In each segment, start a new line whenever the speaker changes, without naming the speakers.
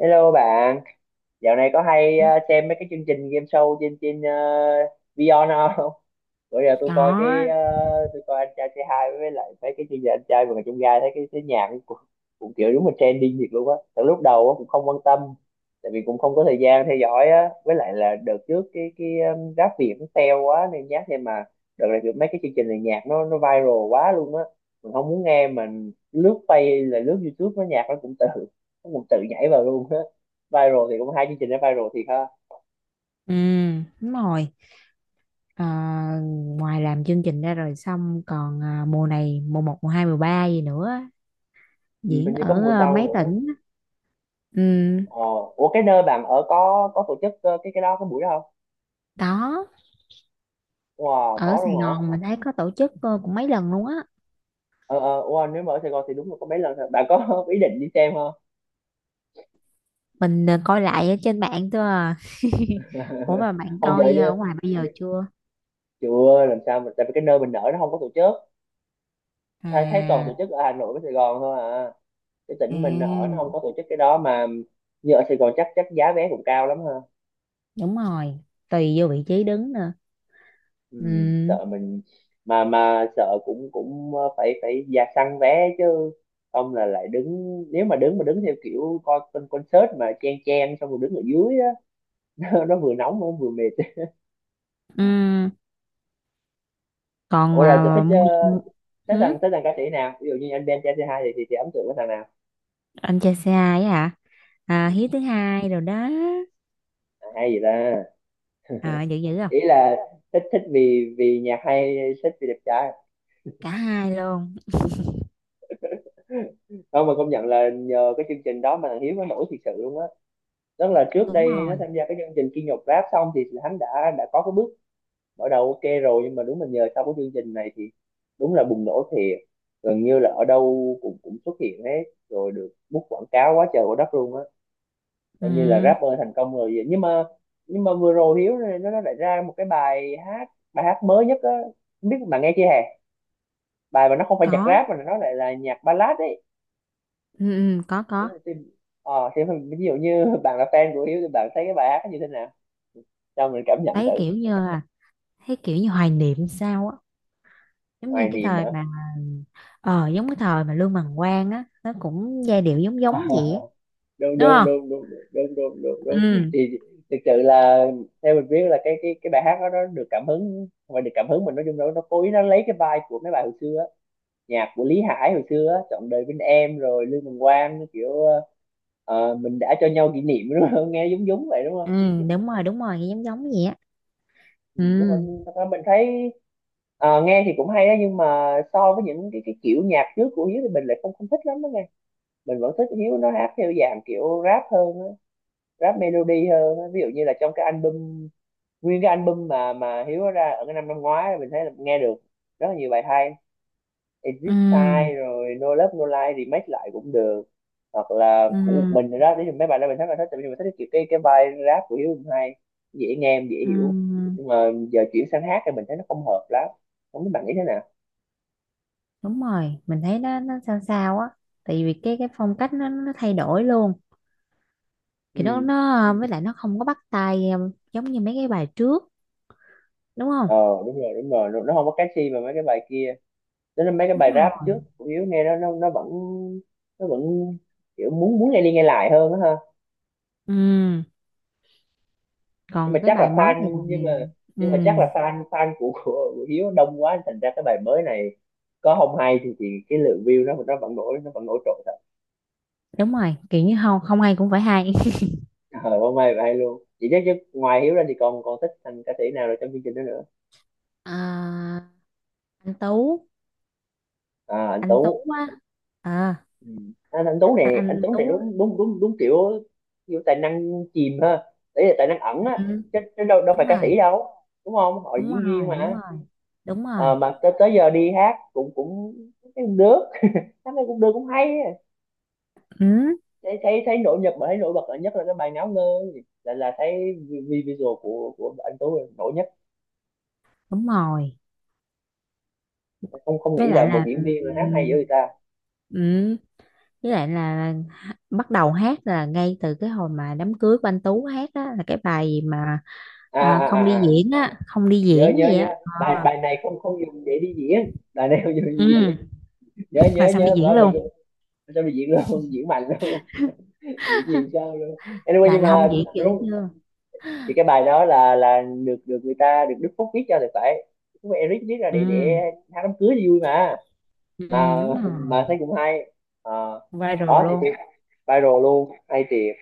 Hello bạn, dạo này có hay xem mấy cái chương trình game show trên trên Vion không? Bữa giờ tôi
Có.
coi cái ờ, tôi coi anh trai c hai với lại mấy cái chương trình anh trai vượt ngàn chông gai, thấy cái nhạc cũng kiểu đúng là trending thiệt luôn á. Từ lúc đầu á cũng không quan tâm, tại vì cũng không có thời gian theo dõi á. Với lại là đợt trước cái rap Việt nó teo quá nên nhát, nhưng mà đợt này kiểu mấy cái chương trình này nhạc nó viral quá luôn á. Mình không muốn nghe, mình lướt play, là lướt YouTube nó nhạc nó cũng tự nhảy vào luôn. Viral thì cũng hai chương trình đó viral thiệt ha.
Ừ, đúng rồi. Ờ, ngoài làm chương trình ra rồi xong còn mùa này mùa một mùa 2 mùa 3 gì nữa,
Ừ,
diễn
hình như có
ở
mùa sau
mấy
nữa.
tỉnh. Ừ,
Ờ, ủa cái nơi bạn ở có tổ chức cái buổi đó không?
đó.
Wow,
Ở
có
Sài
luôn hả?
Gòn mình thấy có tổ chức cũng mấy lần luôn á.
Ờ wow, nếu mà ở Sài Gòn thì đúng là có mấy lần thôi. Bạn có ý định đi xem không?
Mình coi lại ở trên mạng thôi à. Ủa mà bạn
Không vậy
coi ở
chứ,
ngoài bây giờ chưa?
chưa làm sao mà, tại vì cái nơi mình ở nó không có tổ chức. Thấy thấy toàn
À,
tổ chức ở Hà Nội với Sài Gòn thôi à, cái
à,
tỉnh mình ở nó không có tổ chức cái đó mà. Như ở Sài Gòn chắc chắc giá vé cũng cao lắm ha.
đúng rồi. Tùy vô vị trí đứng nữa.
Ừ,
Ừ.
sợ mình mà sợ cũng cũng ờ, phải phải ra săn vé chứ, không là lại đứng, nếu mà đứng theo kiểu coi con concert mà chen chen xong rồi đứng ở dưới á, nó vừa nóng nó vừa mệt.
Ừ. Còn
Ủa rồi chị
mà
thích
mua
uh, thích thằng ca sĩ nào, ví dụ như anh Ben TC2 thì ấn tượng với thằng nào?
anh chơi xe hai á hả. À,
Ừ.
Hiếu thứ hai rồi đó.
À, hay gì ta?
À, dữ dữ không?
Ý là thích, thích vì vì nhạc hay thích vì đẹp trai?
Cả hai luôn.
Không mà công nhận là nhờ cái chương trình đó mà thằng Hiếu nó nổi thiệt sự luôn á. Tức là trước
Đúng
đây nó
rồi.
tham gia cái chương trình Kim Nhật Rap xong thì hắn đã có cái bước mở đầu ok rồi, nhưng mà đúng là nhờ sau cái chương trình này thì đúng là bùng nổ thiệt. Gần như là ở đâu cũng cũng xuất hiện hết, rồi được bút quảng cáo quá trời quá đất luôn á,
Ừ,
coi như là rapper thành công rồi vậy. Nhưng mà nhưng mà vừa rồi Hiếu này nó lại ra một cái bài hát, bài hát mới nhất á, không biết bạn nghe chưa hè? Bài mà nó không phải nhạc
có.
rap mà nó lại là nhạc ballad ấy.
Ừ, ừ, có
Đó
có.
là ờ thì ví dụ như bạn là fan của Hiếu thì bạn thấy cái bài hát nó như thế nào, cho mình cảm nhận thử.
thấy kiểu như là Thấy kiểu như hoài niệm sao á. giống
Hoài
như cái
niềm
thời mà Giống cái thời mà Lương Bằng Quang á, nó cũng giai điệu giống giống
hả?
vậy á,
Đúng
đúng
đúng
không?
đúng đúng đúng đúng đúng đúng.
Ừ.
Thì thực sự là theo mình biết là cái bài hát đó nó được cảm hứng, và được cảm hứng mình nói chung nó cố ý nó lấy cái vibe của mấy bài hồi xưa á. Nhạc của Lý Hải hồi xưa á, trọn đời bên em, rồi Lương Bằng Quang kiểu mình đã cho nhau kỷ niệm đúng không, nghe giống giống vậy đúng không?
Ừ, đúng rồi. Đúng rồi, giống giống vậy á.
Ừ, nhưng mà
Ừ.
thật ra mình thấy nghe thì cũng hay đó, nhưng mà so với những cái kiểu nhạc trước của Hiếu thì mình lại không không thích lắm đó nghe. Mình vẫn thích Hiếu nó hát theo dạng kiểu rap hơn á, rap melody hơn á. Ví dụ như là trong cái album, nguyên cái album mà Hiếu có ra ở cái năm năm ngoái, mình thấy là nghe được rất là nhiều bài hay.
Ừ.
Exit Sign rồi No Love No Lie remake lại cũng được, hoặc là của một
Ừ.
mình rồi đó, nếu mấy bài đó mình thấy là thích, tại vì mình thích cái kiểu cái vai rap của Hiếu cũng hay, dễ nghe em dễ hiểu.
Ừ,
Nhưng mà giờ chuyển sang hát thì mình thấy nó không hợp lắm, không biết bạn nghĩ thế nào.
đúng rồi, mình thấy nó sao sao á, tại vì cái phong cách nó thay đổi luôn, thì nó
Ừ,
nó với lại nó không có bắt tai, giống như mấy cái bài trước, đúng không?
ờ, đúng rồi đúng rồi, nó không có catchy mà mấy cái bài kia, nên là mấy cái
Đúng
bài rap
rồi.
trước của Hiếu nghe nó vẫn, nó vẫn kiểu muốn muốn nghe đi nghe lại hơn á ha.
Ừ,
Nhưng
còn
mà
cái
chắc
bài
là
mới này
fan,
thì- Ừ,
nhưng mà chắc là fan, fan của Hiếu đông quá thành ra cái bài mới này có không hay thì cái lượng view nó vẫn nổi, nó vẫn nổi trội thật.
đúng rồi, kiểu như không không hay cũng phải hay.
Ờ, không hay vậy hay luôn chị chắc chứ. Ngoài Hiếu ra thì còn còn thích thành ca sĩ nào rồi trong chương trình đó nữa?
À, anh Tú.
À, anh Tú.
Anh Tú á. À,
Ừ. Anh Tuấn
anh,
này,
anh
anh Tuấn
Tú
này,
á.
đúng đúng đúng đúng, kiểu kiểu tài năng chìm ha, đấy là tài năng ẩn á,
Ừ,
chứ đâu đâu
đúng
phải ca
rồi.
sĩ đâu, đúng không, họ là
Đúng
diễn viên
rồi. Đúng
mà.
rồi. Đúng rồi.
Ờ, mà tới giờ đi hát cũng cũng thấy cũng được, hát này cũng được cũng hay á.
Ừ,
Thấy thấy thấy nổi bật nhất là cái bài Ngáo Ngơ, là thấy visual của anh Tuấn là nổi nhất,
đúng rồi,
không không
với
nghĩ là
lại
một
là.
diễn viên
ừ,
mà hát hay dữ người ta.
ừ, với lại là bắt đầu hát là ngay từ cái hồi mà đám cưới của anh Tú hát á, là cái bài gì mà. À,
À.
không đi
Nhớ
diễn
nhớ
gì á.
nhớ bài
Ờ.
bài này, không không dùng để đi diễn, bài này không dùng để đi
Ừ,
diễn. Nhớ
rồi
nhớ
xong đi
nhớ, và
diễn
mình
luôn.
cho mày diễn luôn, diễn mạnh luôn, diễn nhiều sao luôn. Anyway
là
nhưng
là không
mà
diễn dữ
đúng
chưa.
thì cái bài đó là được được người ta được Đức Phúc viết cho thì phải, Đức Phúc Eric viết ra để
Ừ.
hát đám cưới thì vui mà
Ừ,
mà
đúng rồi.
mà thấy cũng hay. Ờ,
Viral
đó thì
luôn.
viral luôn hay thiệt.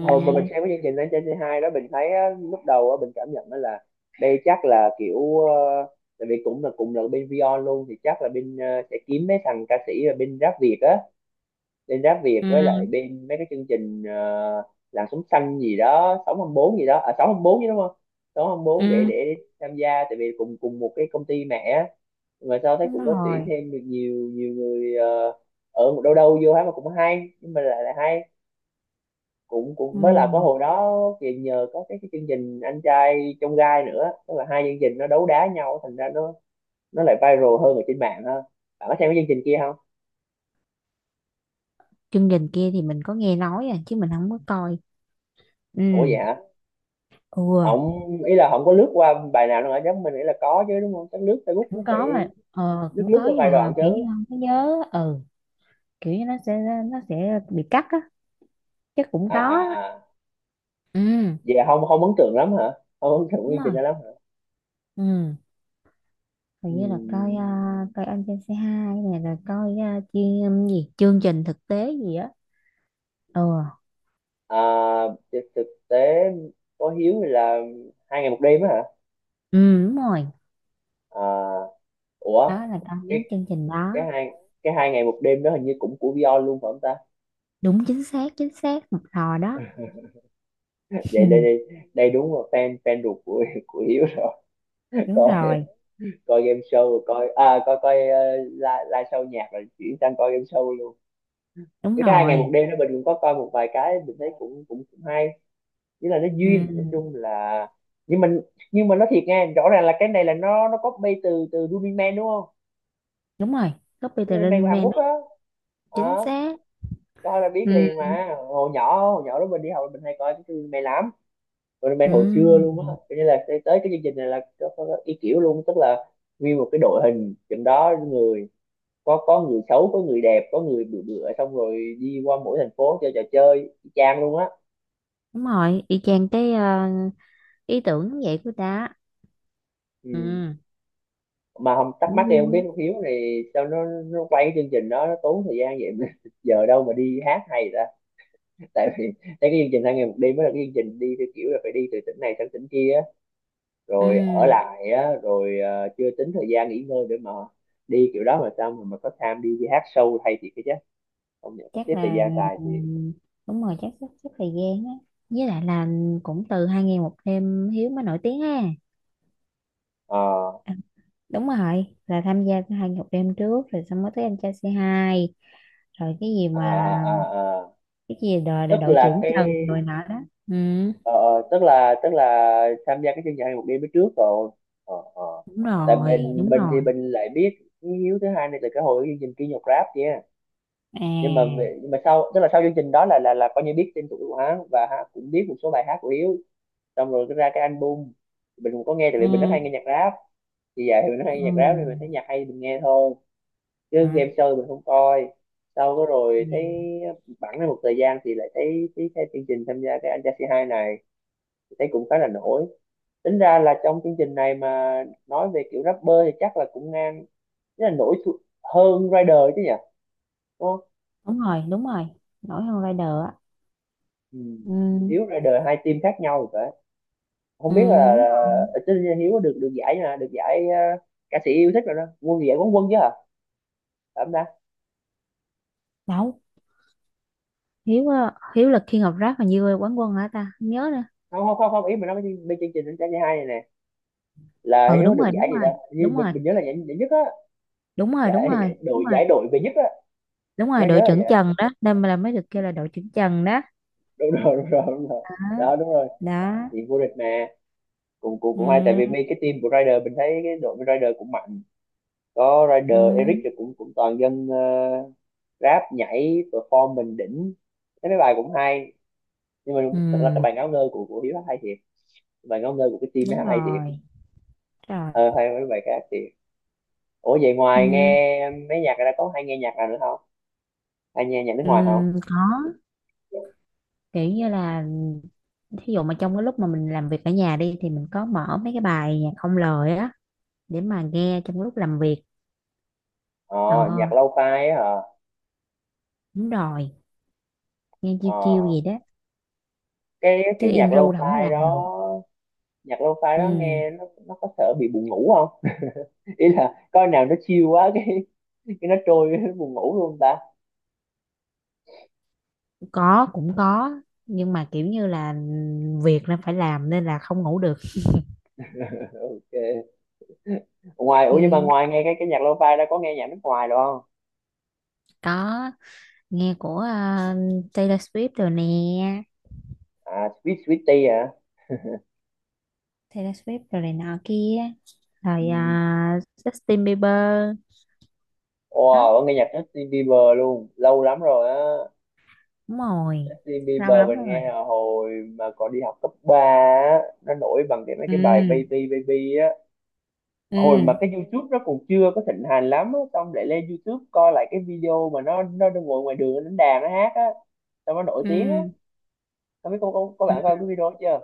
Hồi mà mình xem cái chương trình lên trên c hai đó, mình thấy á, lúc đầu á, mình cảm nhận đó là đây chắc là kiểu tại vì cũng là cùng là bên Vion luôn thì chắc là bên sẽ kiếm mấy thằng ca sĩ là bên rap Việt á, lên rap Việt
Ừ.
với lại bên mấy cái chương trình làng sống xanh gì đó, sống năm bốn gì đó, à sống năm bốn chứ đúng không, sống năm bốn để
Ừ,
để tham gia tại vì cùng cùng một cái công ty mẹ á. Mà sao thấy
đúng
cũng có tuyển
rồi.
thêm được nhiều nhiều người ở một đâu đâu vô hát mà cũng hay, nhưng mà lại là hay cũng cũng
Ừ,
mới là có hồi đó, thì nhờ có cái chương trình anh trai trong gai nữa, tức là hai chương trình nó đấu đá nhau thành ra nó lại viral hơn ở trên mạng ha. Bạn có xem cái chương trình kia không?
chương trình kia thì mình có nghe nói à, chứ mình không có coi. Ừ.
Ủa vậy hả?
Ừ,
Không, ý là không có lướt qua bài nào đâu hả, chắc mình nghĩ là có chứ đúng không, chắc lướt Facebook cũng
cũng có
phải
mà,
lướt
cũng
lướt
có,
qua
nhưng
vài đoạn
mà kiểu như
chứ.
không có nhớ. Ừ, kiểu như nó sẽ bị cắt á, chắc cũng
À
có
à
á.
à,
Ừ,
vậy không không ấn tượng lắm hả, không ấn tượng
đúng
chương trình
rồi.
đó lắm hả.
Ừ, hình như là coi
Ừm,
coi anh trên xe hai này, rồi coi chuyên gì, chương trình thực tế gì á. Ừ.
à, thực thực tế có hiếu thì là hai ngày một đêm á hả?
Ừ, đúng rồi,
À, ủa
đó là coi
cái
mấy chương trình đó.
cái hai cái hai ngày một đêm đó hình như cũng của Vion luôn phải không ta?
Đúng, chính xác, chính xác một thò đó.
Vậy đây đây đây đúng là fan fan ruột của Hiếu rồi.
Đúng
coi
rồi.
coi game show rồi coi à coi coi live live show nhạc rồi chuyển sang coi game show luôn.
Đúng
Những cái hai ngày một
rồi.
đêm đó mình cũng có coi một vài cái, mình thấy cũng cũng cũng hay, nghĩa là nó duyên, nói
Ừ,
chung là. Nhưng mình, nhưng mà nói thiệt nha, rõ ràng là cái này là nó copy từ từ Running Man đúng không?
đúng rồi. Copy the
Running Man của
Running
Hàn
Man
Quốc
đó,
đó,
chính
đó
xác.
coi là biết liền
Ừ.
mà. Hồi nhỏ đó mình đi học mình hay coi cái Running Man lắm, Running Man
Ừ,
hồi xưa luôn á, cho nên là tới cái chương trình này là có ý kiểu luôn. Tức là nguyên một cái đội hình trên đó người, có người xấu có người đẹp có người bự bựa, xong rồi đi qua mỗi thành phố chơi trò chơi y chang luôn á.
đúng rồi, y chang cái ý tưởng vậy của ta. Ừ,
Ừ. Mà không thắc
cũng
mắc, em không biết
vui.
con Hiếu này sao nó quay cái chương trình đó nó tốn thời gian vậy giờ đâu mà đi hát hay ta. Tại vì thấy cái chương trình hai ngày một đêm mới là cái chương trình đi theo kiểu là phải đi từ tỉnh này sang tỉnh kia á,
Ừ,
rồi ở lại á rồi chưa tính thời gian nghỉ ngơi để mà đi kiểu đó, mà sao mà có time đi, đi hát show hay thì cái chứ không nhận, sắp
chắc
xếp thời
là.
gian tài
Ừ,
thì
đúng rồi, chắc sắp sắp thời gian á, với lại là cũng từ 2 Ngày 1 Đêm Hiếu mới nổi tiếng ha.
ờ,
Đúng rồi, là tham gia 2 Ngày 1 Đêm trước rồi xong mới tới anh trai c hai, rồi cái gì
à, à,
mà,
à, à.
cái gì đội đội,
Rất
đội,
là
trưởng
cái
Trần rồi nọ đó. Ừ,
ờ, tức là tham gia cái chương trình hai một đêm mới trước rồi, ờ ờ.
đúng
Tại
rồi.
bên
Đúng
bên thì
rồi.
bên lại biết với Hiếu thứ hai này là cái hồi cái chương trình kia, nhạc rap kia.
À.
Nhưng mà sau, tức là sau chương trình đó là coi như biết tên tuổi của hắn và hắn cũng biết một số bài hát của Hiếu. Xong rồi cái ra cái album, mình cũng có nghe tại vì mình rất
Ừ.
hay nghe nhạc rap. Thì vậy thì mình rất hay nghe nhạc rap nên mình
Ừ.
thấy nhạc hay mình nghe thôi,
Ừ.
chứ game show mình không coi. Sau đó rồi
Ừ.
thấy bẵng ra một thời gian thì lại thấy thấy, thấy chương trình tham gia cái anh trai C2 này, thấy cũng khá là nổi. Tính ra là trong chương trình này mà nói về kiểu rapper thì chắc là cũng ngang, rất là nổi, hơn Rider chứ nhỉ? Đúng không?
Đúng rồi. Đúng rồi, nổi hơn Rider á.
Ừ.
Ừ.
Hiếu Rider hai team khác nhau rồi phải? Không
Ừ,
biết
đúng
là
rồi.
tất nhiên Hiếu có được được giải nè, được giải ờ, ca sĩ yêu thích rồi đó, quân giải quán quân chứ hả? Phải không ta?
Đâu, Hiếu á, Hiếu là King of Rap mà, như quán quân hả ta, không nhớ nữa.
Không không không không, ý mình nói bên, bên chương trình đánh giá giải hai này nè, là
Ừ,
Hiếu
đúng
được
rồi.
giải
Đúng
gì
rồi.
đó. Như
Đúng rồi.
mình nhớ là giải nhất á.
Đúng rồi. Đúng rồi. Đúng rồi.
Giải đội về nhất á.
Đúng
Nhớ
rồi,
nhớ
đội
là
trưởng
giải.
Trần đó, nên là mới được kêu là đội trưởng Trần đó.
Đúng rồi đúng rồi đúng rồi.
Đó,
Đó đúng rồi.
đó.
Thì vô địch mà. Cũng cũng
Ừ,
cũng hay tại vì mấy cái team của Rider, mình thấy cái đội Rider cũng mạnh, có
ừ,
Rider Eric rồi cũng cũng toàn dân ờ, rap nhảy performance đỉnh, thấy mấy bài cũng hay. Nhưng mà
ừ.
thật ra cái bài ngáo ngơ của Hiếu hay thiệt, bài ngáo ngơ của cái team
Đúng
nó hay thiệt.
rồi. Đúng rồi.
Ờ hay mấy bài khác thiệt. Ủa vậy
Ừ,
ngoài nghe mấy nhạc ra có hay nghe nhạc nào nữa không? Hay nghe nhạc nước
ừ,
ngoài không?
có, kiểu như là thí dụ mà trong cái lúc mà mình làm việc ở nhà đi, thì mình có mở mấy cái bài nhạc không lời á, để mà nghe trong lúc làm việc.
Ờ.
Ờ,
Nhạc lo-fi á hả?
đúng rồi, nghe chiêu
Ờ.
chiêu gì đó,
Cái
chứ im
nhạc
ru là không
lo-fi
làm được.
đó. Nhạc lo-fi
Ừ,
đó nghe nó có sợ bị buồn ngủ không? Ý là coi nào nó chill quá, cái nó trôi nó buồn ngủ luôn ta.
có, cũng có, nhưng mà kiểu như là việc nên phải làm, nên là không ngủ được.
Ok. Ngoài
Ừ,
ủa nhưng mà ngoài nghe cái nhạc lo-fi đó có nghe nhạc nước ngoài được không?
có, nghe của Taylor Swift rồi nè.
À Sweet Sweetie à.
Taylor Swift rồi này nọ kia, rồi
Ừ.
Justin Bieber. Đó,
Wow có nghe nhạc Justin Bieber luôn, lâu lắm rồi á.
đúng rồi,
Justin
lâu
Bieber
lắm
mình
rồi.
nghe là hồi mà còn đi học cấp ba á, nó nổi bằng cái mấy
Ừ.
cái bài Baby Baby á. Hồi mà
Ừ.
cái YouTube nó còn chưa có thịnh hành lắm á, xong lại lên YouTube coi lại cái video mà nó đang ngồi ngoài đường nó đánh đàn nó hát á, xong nó nổi tiếng á.
Ừ,
Có biết, có bạn coi
ừ.
cái video chưa?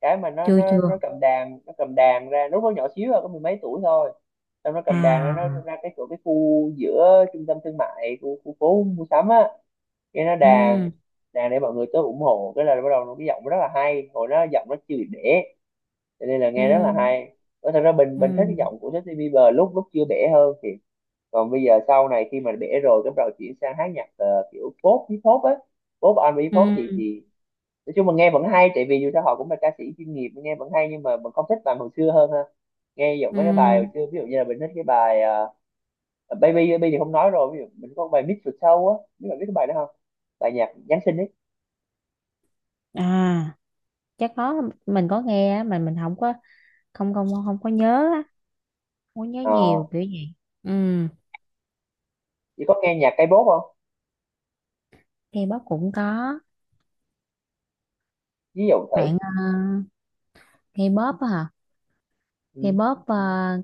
Cái mà nó
Chưa,
nó nó
chưa.
cầm đàn, nó cầm đàn ra lúc nó nhỏ xíu à, có mười mấy tuổi thôi. Xong nó cầm đàn ra, nó
À.
ra cái chỗ cái khu giữa trung tâm thương mại, khu phố mua sắm á, cái nó đàn,
Ừ.
đàn để mọi người tới ủng hộ. Cái là bắt đầu nó cái giọng nó rất là hay, hồi đó giọng nó chưa bị bể, cho nên là
Ừ.
nghe rất là hay. Nói thật ra bình
Ừ.
bình thích cái giọng của Justin Bieber lúc lúc chưa bể hơn thì còn bây giờ sau này khi mà bể rồi, cái bắt đầu chuyển sang hát nhạc kiểu pop hip hop á, pop R&B
Ừ.
pop thì nói chung mình nghe vẫn hay tại vì dù sao họ cũng là ca sĩ chuyên nghiệp, nghe vẫn hay, nhưng mà mình không thích bài hồi xưa hơn ha. Nghe giọng mấy cái bài hồi
Ừ.
xưa ví dụ như là mình thích cái bài Baby Baby thì không nói rồi, ví dụ mình có bài Mix the Show á, biết, bạn biết cái bài đó không? Bài nhạc Giáng sinh ấy.
À, chắc có, mình có nghe á, mà mình không có, không không không có nhớ á, không có nhớ
Ờ
nhiều kiểu gì. Ừ,
chỉ có nghe nhạc K-pop không?
K-pop cũng có,
Ví dụ thử.
bạn. K-pop á hả.
Ừ.
K-pop,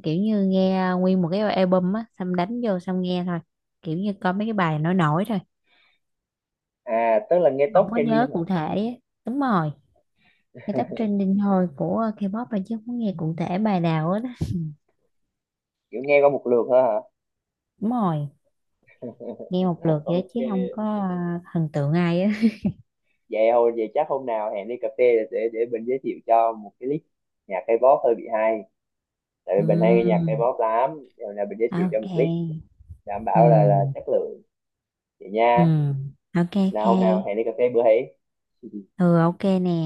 kiểu như nghe nguyên một cái album á, xong đánh vô xong nghe thôi, kiểu như coi mấy cái bài nổi nổi thôi.
À tức là nghe top
Không có nhớ
trending hả?
cụ thể á. Đúng rồi, nghe tóc trending thôi của K-pop, rồi chứ không có nghe cụ thể bài nào hết á.
Kiểu nghe qua một lượt thôi hả?
Đúng rồi, nghe một lượt vậy đó,
Ok.
chứ không có thần tượng ai á.
Vậy hồi vậy chắc hôm nào hẹn đi cà phê để để mình giới thiệu cho một cái list nhạc K-pop hơi bị hay. Tại vì mình hay nghe nhạc
Ừ,
K-pop lắm rồi là mình giới thiệu cho một list,
ok.
đảm
Ừ.
bảo là chất lượng. Vậy
Ừ,
nha.
ok, ok.
Nào hôm nào hẹn đi cà phê bữa ấy.
Ừ, ok nè.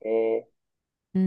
Ok.
Ừ.